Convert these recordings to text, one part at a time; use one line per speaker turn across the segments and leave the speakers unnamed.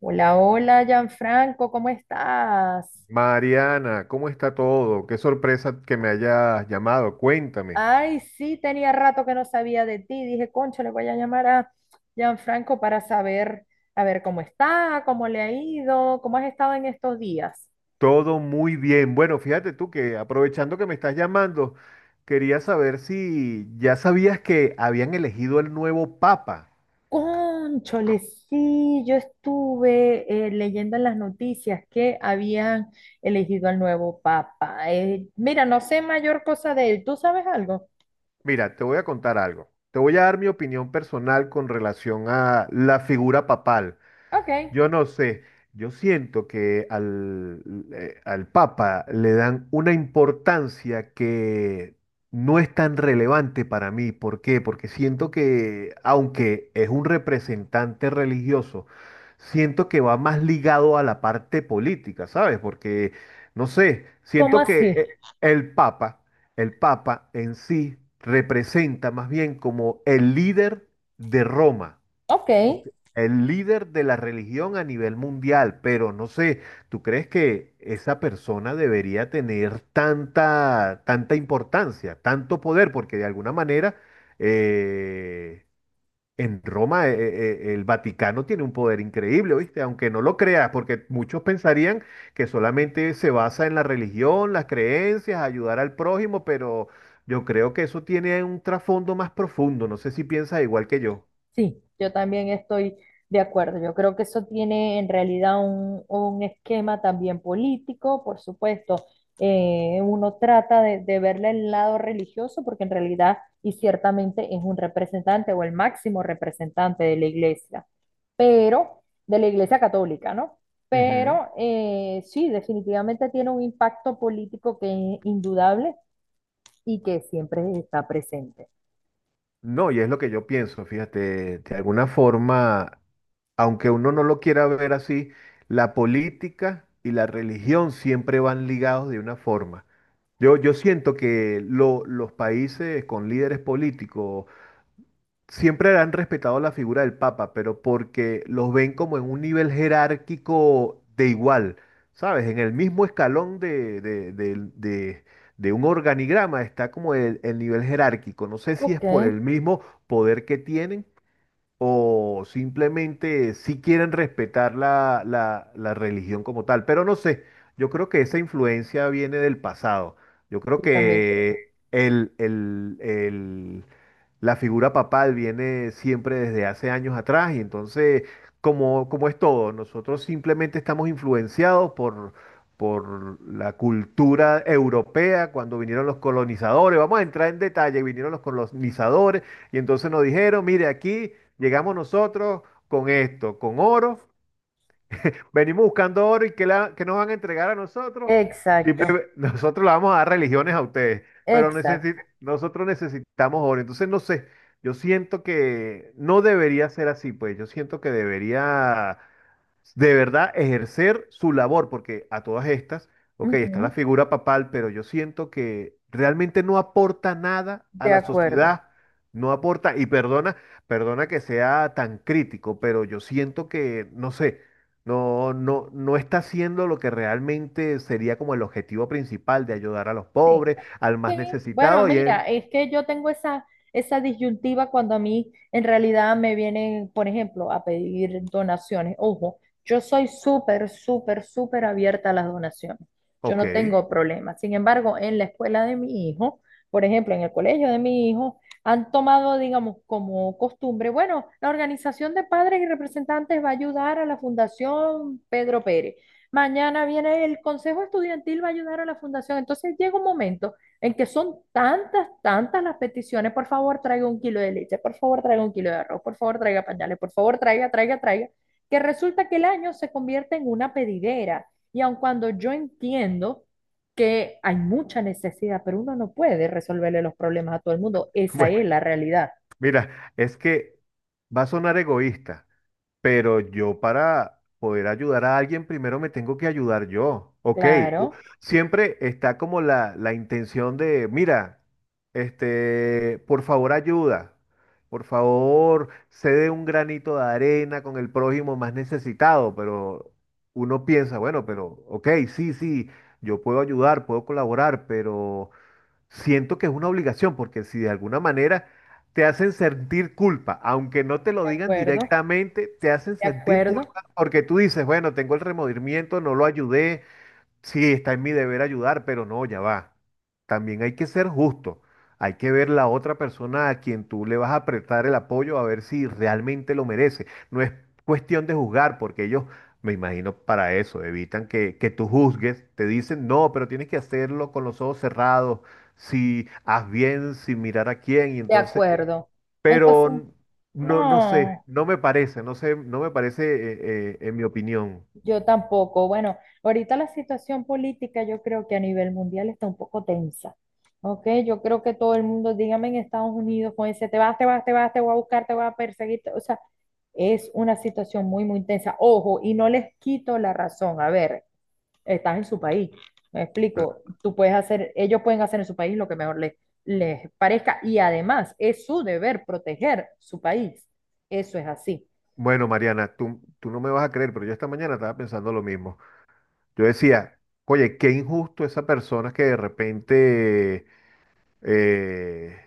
Hola, hola, Gianfranco, ¿cómo estás?
Mariana, ¿cómo está todo? Qué sorpresa que me hayas llamado. Cuéntame.
Ay, sí, tenía rato que no sabía de ti. Dije, concho, le voy a llamar a Gianfranco para saber, a ver cómo está, cómo le ha ido, cómo has estado en estos días.
Todo muy bien. Bueno, fíjate tú que aprovechando que me estás llamando, quería saber si ya sabías que habían elegido el nuevo papa.
Cónchole, sí, yo estuve leyendo en las noticias que habían elegido al nuevo papa. Mira, no sé mayor cosa de él. ¿Tú sabes algo?
Mira, te voy a contar algo. Te voy a dar mi opinión personal con relación a la figura papal.
Ok.
Yo no sé, yo siento que al Papa le dan una importancia que no es tan relevante para mí. ¿Por qué? Porque siento que, aunque es un representante religioso, siento que va más ligado a la parte política, ¿sabes? Porque, no sé,
¿Cómo
siento que
así?
el Papa, el Papa en sí representa más bien como el líder de Roma.
Ok.
Ok. El líder de la religión a nivel mundial, pero no sé, ¿tú crees que esa persona debería tener tanta, tanta importancia, tanto poder? Porque de alguna manera eh, en Roma, el Vaticano tiene un poder increíble, ¿viste? Aunque no lo creas, porque muchos pensarían que solamente se basa en la religión, las creencias, ayudar al prójimo, pero yo creo que eso tiene un trasfondo más profundo. No sé si piensas igual que yo.
Sí, yo también estoy de acuerdo. Yo creo que eso tiene en realidad un esquema también político, por supuesto. Uno trata de verle el lado religioso porque en realidad y ciertamente es un representante o el máximo representante de la iglesia, pero de la iglesia católica, ¿no?
Ujú.
Pero sí, definitivamente tiene un impacto político que es indudable y que siempre está presente.
No, y es lo que yo pienso, fíjate, de alguna forma, aunque uno no lo quiera ver así, la política y la religión siempre van ligados de una forma. Yo siento que los países con líderes políticos siempre han respetado la figura del Papa, pero porque los ven como en un nivel jerárquico de igual, ¿sabes? En el mismo escalón de un organigrama está como el nivel jerárquico. No sé si
Ok,
es por
yo
el mismo poder que tienen o simplemente si quieren respetar la religión como tal. Pero no sé, yo creo que esa influencia viene del pasado. Yo creo
también creo.
que la figura papal viene siempre desde hace años atrás y entonces, como es todo, nosotros simplemente estamos influenciados por la cultura europea. Cuando vinieron los colonizadores, vamos a entrar en detalle, vinieron los colonizadores y entonces nos dijeron, mire, aquí llegamos nosotros con esto, con oro. Venimos buscando oro y que, la, que nos van a entregar a nosotros.
Exacto.
Nosotros le vamos a dar religiones a ustedes, pero
Exacto.
nosotros necesitamos oro. Entonces, no sé, yo siento que no debería ser así, pues yo siento que debería de verdad ejercer su labor, porque a todas estas, ok, está la
Ujú.
figura papal, pero yo siento que realmente no aporta nada a
De
la
acuerdo.
sociedad, no aporta, y perdona, perdona que sea tan crítico, pero yo siento que, no sé. No, no, no está haciendo lo que realmente sería como el objetivo principal de ayudar a los
Sí,
pobres, al más
sí. Bueno,
necesitado y es,
mira, es que yo tengo esa disyuntiva cuando a mí en realidad me vienen, por ejemplo, a pedir donaciones. Ojo, yo soy súper, súper, súper abierta a las donaciones. Yo
ok,
no tengo problema. Sin embargo, en la escuela de mi hijo, por ejemplo, en el colegio de mi hijo, han tomado, digamos, como costumbre, bueno, la organización de padres y representantes va a ayudar a la Fundación Pedro Pérez. Mañana viene el consejo estudiantil, va a ayudar a la fundación. Entonces llega un momento en que son tantas, tantas las peticiones. Por favor, traiga un kilo de leche, por favor, traiga un kilo de arroz, por favor, traiga pañales, por favor, traiga, traiga, traiga, que resulta que el año se convierte en una pedidera. Y aun cuando yo entiendo que hay mucha necesidad, pero uno no puede resolverle los problemas a todo el mundo, esa
bueno,
es la realidad.
mira, es que va a sonar egoísta. Pero yo para poder ayudar a alguien, primero me tengo que ayudar yo. Ok, u-
Claro,
siempre está como la intención de, mira, este, por favor ayuda, por favor cede un granito de arena con el prójimo más necesitado, pero uno piensa, bueno, pero ok, sí, sí, yo puedo ayudar, puedo colaborar, pero siento que es una obligación, porque si de alguna manera te hacen sentir culpa, aunque no te lo
de
digan
acuerdo,
directamente, te hacen
de
sentir
acuerdo,
culpa porque tú dices, bueno, tengo el remordimiento, no lo ayudé. Sí, está en mi deber ayudar, pero no, ya va. También hay que ser justo. Hay que ver la otra persona a quien tú le vas a apretar el apoyo a ver si realmente lo merece. No es cuestión de juzgar, porque ellos, me imagino, para eso, evitan que tú juzgues. Te dicen, no, pero tienes que hacerlo con los ojos cerrados, si haz bien, sin mirar a quién. Y
de
entonces,
acuerdo. Entonces,
pero no, no sé,
no.
no me parece, no sé, no me parece, en mi opinión.
Yo tampoco. Bueno, ahorita la situación política yo creo que a nivel mundial está un poco tensa. ¿Ok? Yo creo que todo el mundo, dígame en Estados Unidos, con ese te vas, te vas, te vas, te voy a buscar, te voy a perseguir. O sea, es una situación muy, muy tensa. Ojo, y no les quito la razón. A ver, estás en su país. Me explico. Tú puedes hacer, ellos pueden hacer en su país lo que mejor les parezca. Y además, es su deber proteger su país. Eso es así.
Bueno, Mariana, tú no me vas a creer, pero yo esta mañana estaba pensando lo mismo. Yo decía, oye, qué injusto esa persona que de repente, eh,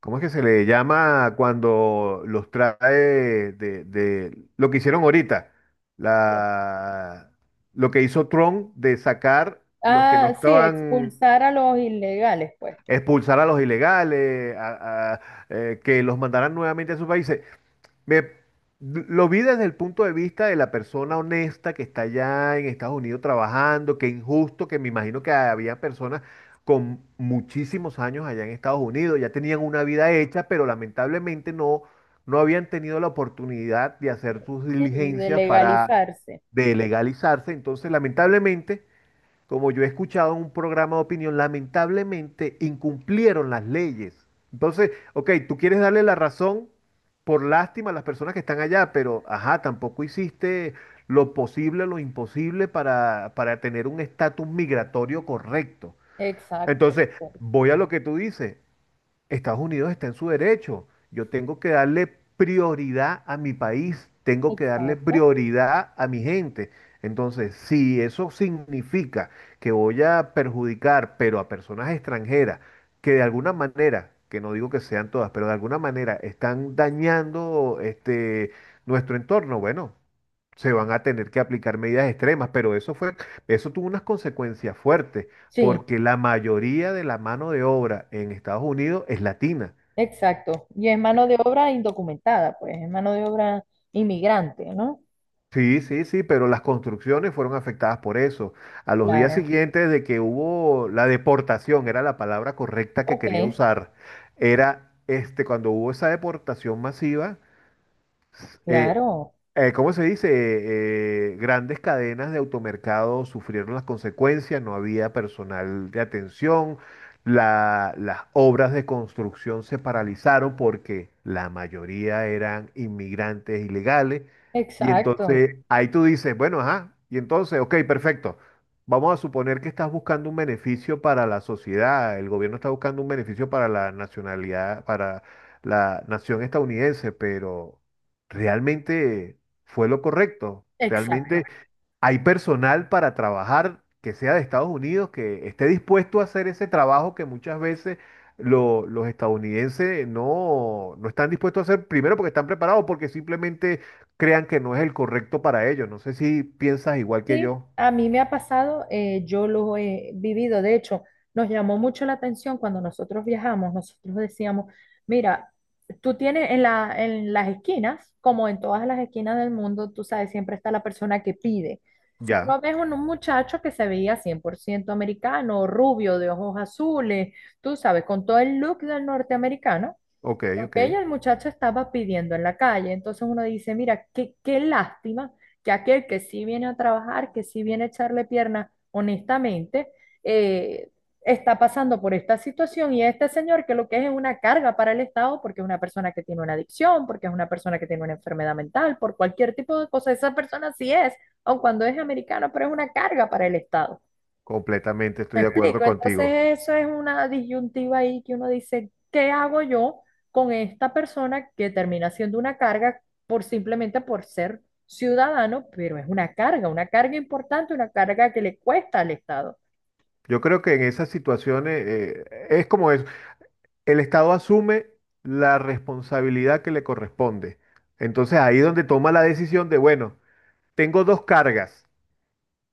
¿cómo es que se le llama cuando los trae de lo que hicieron ahorita? La, lo que hizo Trump de sacar los que no
Ah, sí,
estaban,
expulsar a los ilegales, pues.
expulsar a los ilegales, que los mandaran nuevamente a sus países. Me, lo vi desde el punto de vista de la persona honesta que está allá en Estados Unidos trabajando, que injusto, que me imagino que había personas con muchísimos años allá en Estados Unidos, ya tenían una vida hecha, pero lamentablemente no, no habían tenido la oportunidad de hacer sus
Sí, de
diligencias para
legalizarse.
de legalizarse. Entonces lamentablemente, como yo he escuchado en un programa de opinión, lamentablemente incumplieron las leyes. Entonces, ok, tú quieres darle la razón por lástima a las personas que están allá, pero ajá, tampoco hiciste lo posible, lo imposible para tener un estatus migratorio correcto.
Exacto,
Entonces,
exacto.
voy a lo que tú dices. Estados Unidos está en su derecho. Yo tengo que darle prioridad a mi país, tengo que darle prioridad a mi gente. Entonces, si eso significa que voy a perjudicar, pero a personas extranjeras, que de alguna manera, que no digo que sean todas, pero de alguna manera están dañando este, nuestro entorno, bueno, se van a tener que aplicar medidas extremas, pero eso fue, eso tuvo unas consecuencias fuertes,
Sí,
porque la mayoría de la mano de obra en Estados Unidos es latina.
exacto. Y es mano de obra indocumentada, pues, es mano de obra inmigrante, ¿no?
Sí, sí, sí, pero las construcciones fueron afectadas por eso. A los días
Claro.
siguientes de que hubo la deportación, era la palabra correcta que
Ok,
quería usar, era este, cuando hubo esa deportación masiva, Eh,
claro.
¿cómo se dice? Grandes cadenas de automercado sufrieron las consecuencias, no había personal de atención, las obras de construcción se paralizaron porque la mayoría eran inmigrantes ilegales. Y
Exacto,
entonces ahí tú dices, bueno, ajá, y entonces, ok, perfecto. Vamos a suponer que estás buscando un beneficio para la sociedad, el gobierno está buscando un beneficio para la nacionalidad, para la nación estadounidense, pero realmente fue lo correcto.
exacto.
Realmente hay personal para trabajar que sea de Estados Unidos, que esté dispuesto a hacer ese trabajo que muchas veces los estadounidenses no, no están dispuestos a hacer, primero porque están preparados, porque simplemente crean que no es el correcto para ellos. No sé si piensas igual que
Sí,
yo.
a mí me ha pasado, yo lo he vivido, de hecho, nos llamó mucho la atención cuando nosotros viajamos, nosotros decíamos, mira, tú tienes en en las esquinas, como en todas las esquinas del mundo, tú sabes, siempre está la persona que pide. Y tú
Ya,
no ves un muchacho que se veía 100% americano, rubio, de ojos azules, tú sabes, con todo el look del norteamericano.
ok,
Ok,
ok,
el muchacho estaba pidiendo en la calle, entonces uno dice, mira, qué, qué lástima que aquel que sí viene a trabajar, que sí viene a echarle pierna honestamente, eh, está pasando por esta situación y este señor que lo que es una carga para el Estado porque es una persona que tiene una adicción, porque es una persona que tiene una enfermedad mental, por cualquier tipo de cosa, esa persona sí es, aun cuando es americano, pero es una carga para el Estado.
completamente
Me
estoy de acuerdo
explico,
contigo.
entonces eso es una disyuntiva ahí que uno dice, ¿qué hago yo con esta persona que termina siendo una carga por simplemente por ser ciudadano, pero es una carga importante, una carga que le cuesta al Estado?
Yo creo que en esas situaciones es como es. El Estado asume la responsabilidad que le corresponde. Entonces ahí es donde toma la decisión de, bueno, tengo dos cargas,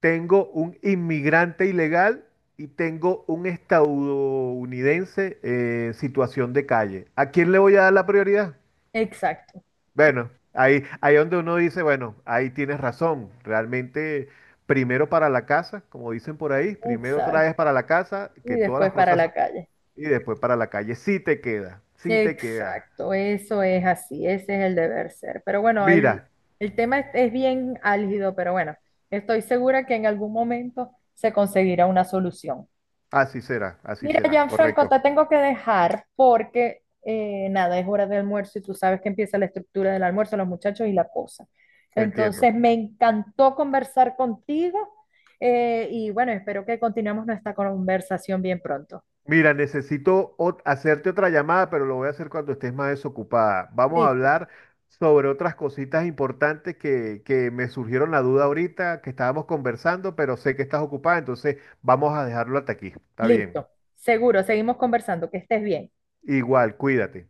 tengo un inmigrante ilegal y tengo un estadounidense en situación de calle. ¿A quién le voy a dar la prioridad?
Exacto,
Bueno, ahí, ahí donde uno dice, bueno, ahí tienes razón, realmente... Primero para la casa, como dicen por ahí, primero traes
exacto.
para la casa, que
Y
todas las
después para
cosas,
la calle.
y después para la calle. Sí te queda, sí te queda.
Exacto, eso es así, ese es el deber ser. Pero bueno,
Mira,
el tema es bien álgido, pero bueno, estoy segura que en algún momento se conseguirá una solución.
así
Mira,
será,
Gianfranco,
correcto,
te tengo que dejar porque nada, es hora de almuerzo y tú sabes que empieza la estructura del almuerzo, los muchachos y la cosa.
te
Entonces,
entiendo.
me encantó conversar contigo y bueno, espero que continuemos nuestra conversación bien pronto.
Mira, necesito hacerte otra llamada, pero lo voy a hacer cuando estés más desocupada. Vamos a
Listo,
hablar sobre otras cositas importantes que me surgieron la duda ahorita, que estábamos conversando, pero sé que estás ocupada, entonces vamos a dejarlo hasta aquí. Está bien.
listo, seguro, seguimos conversando, que estés bien.
Igual, cuídate.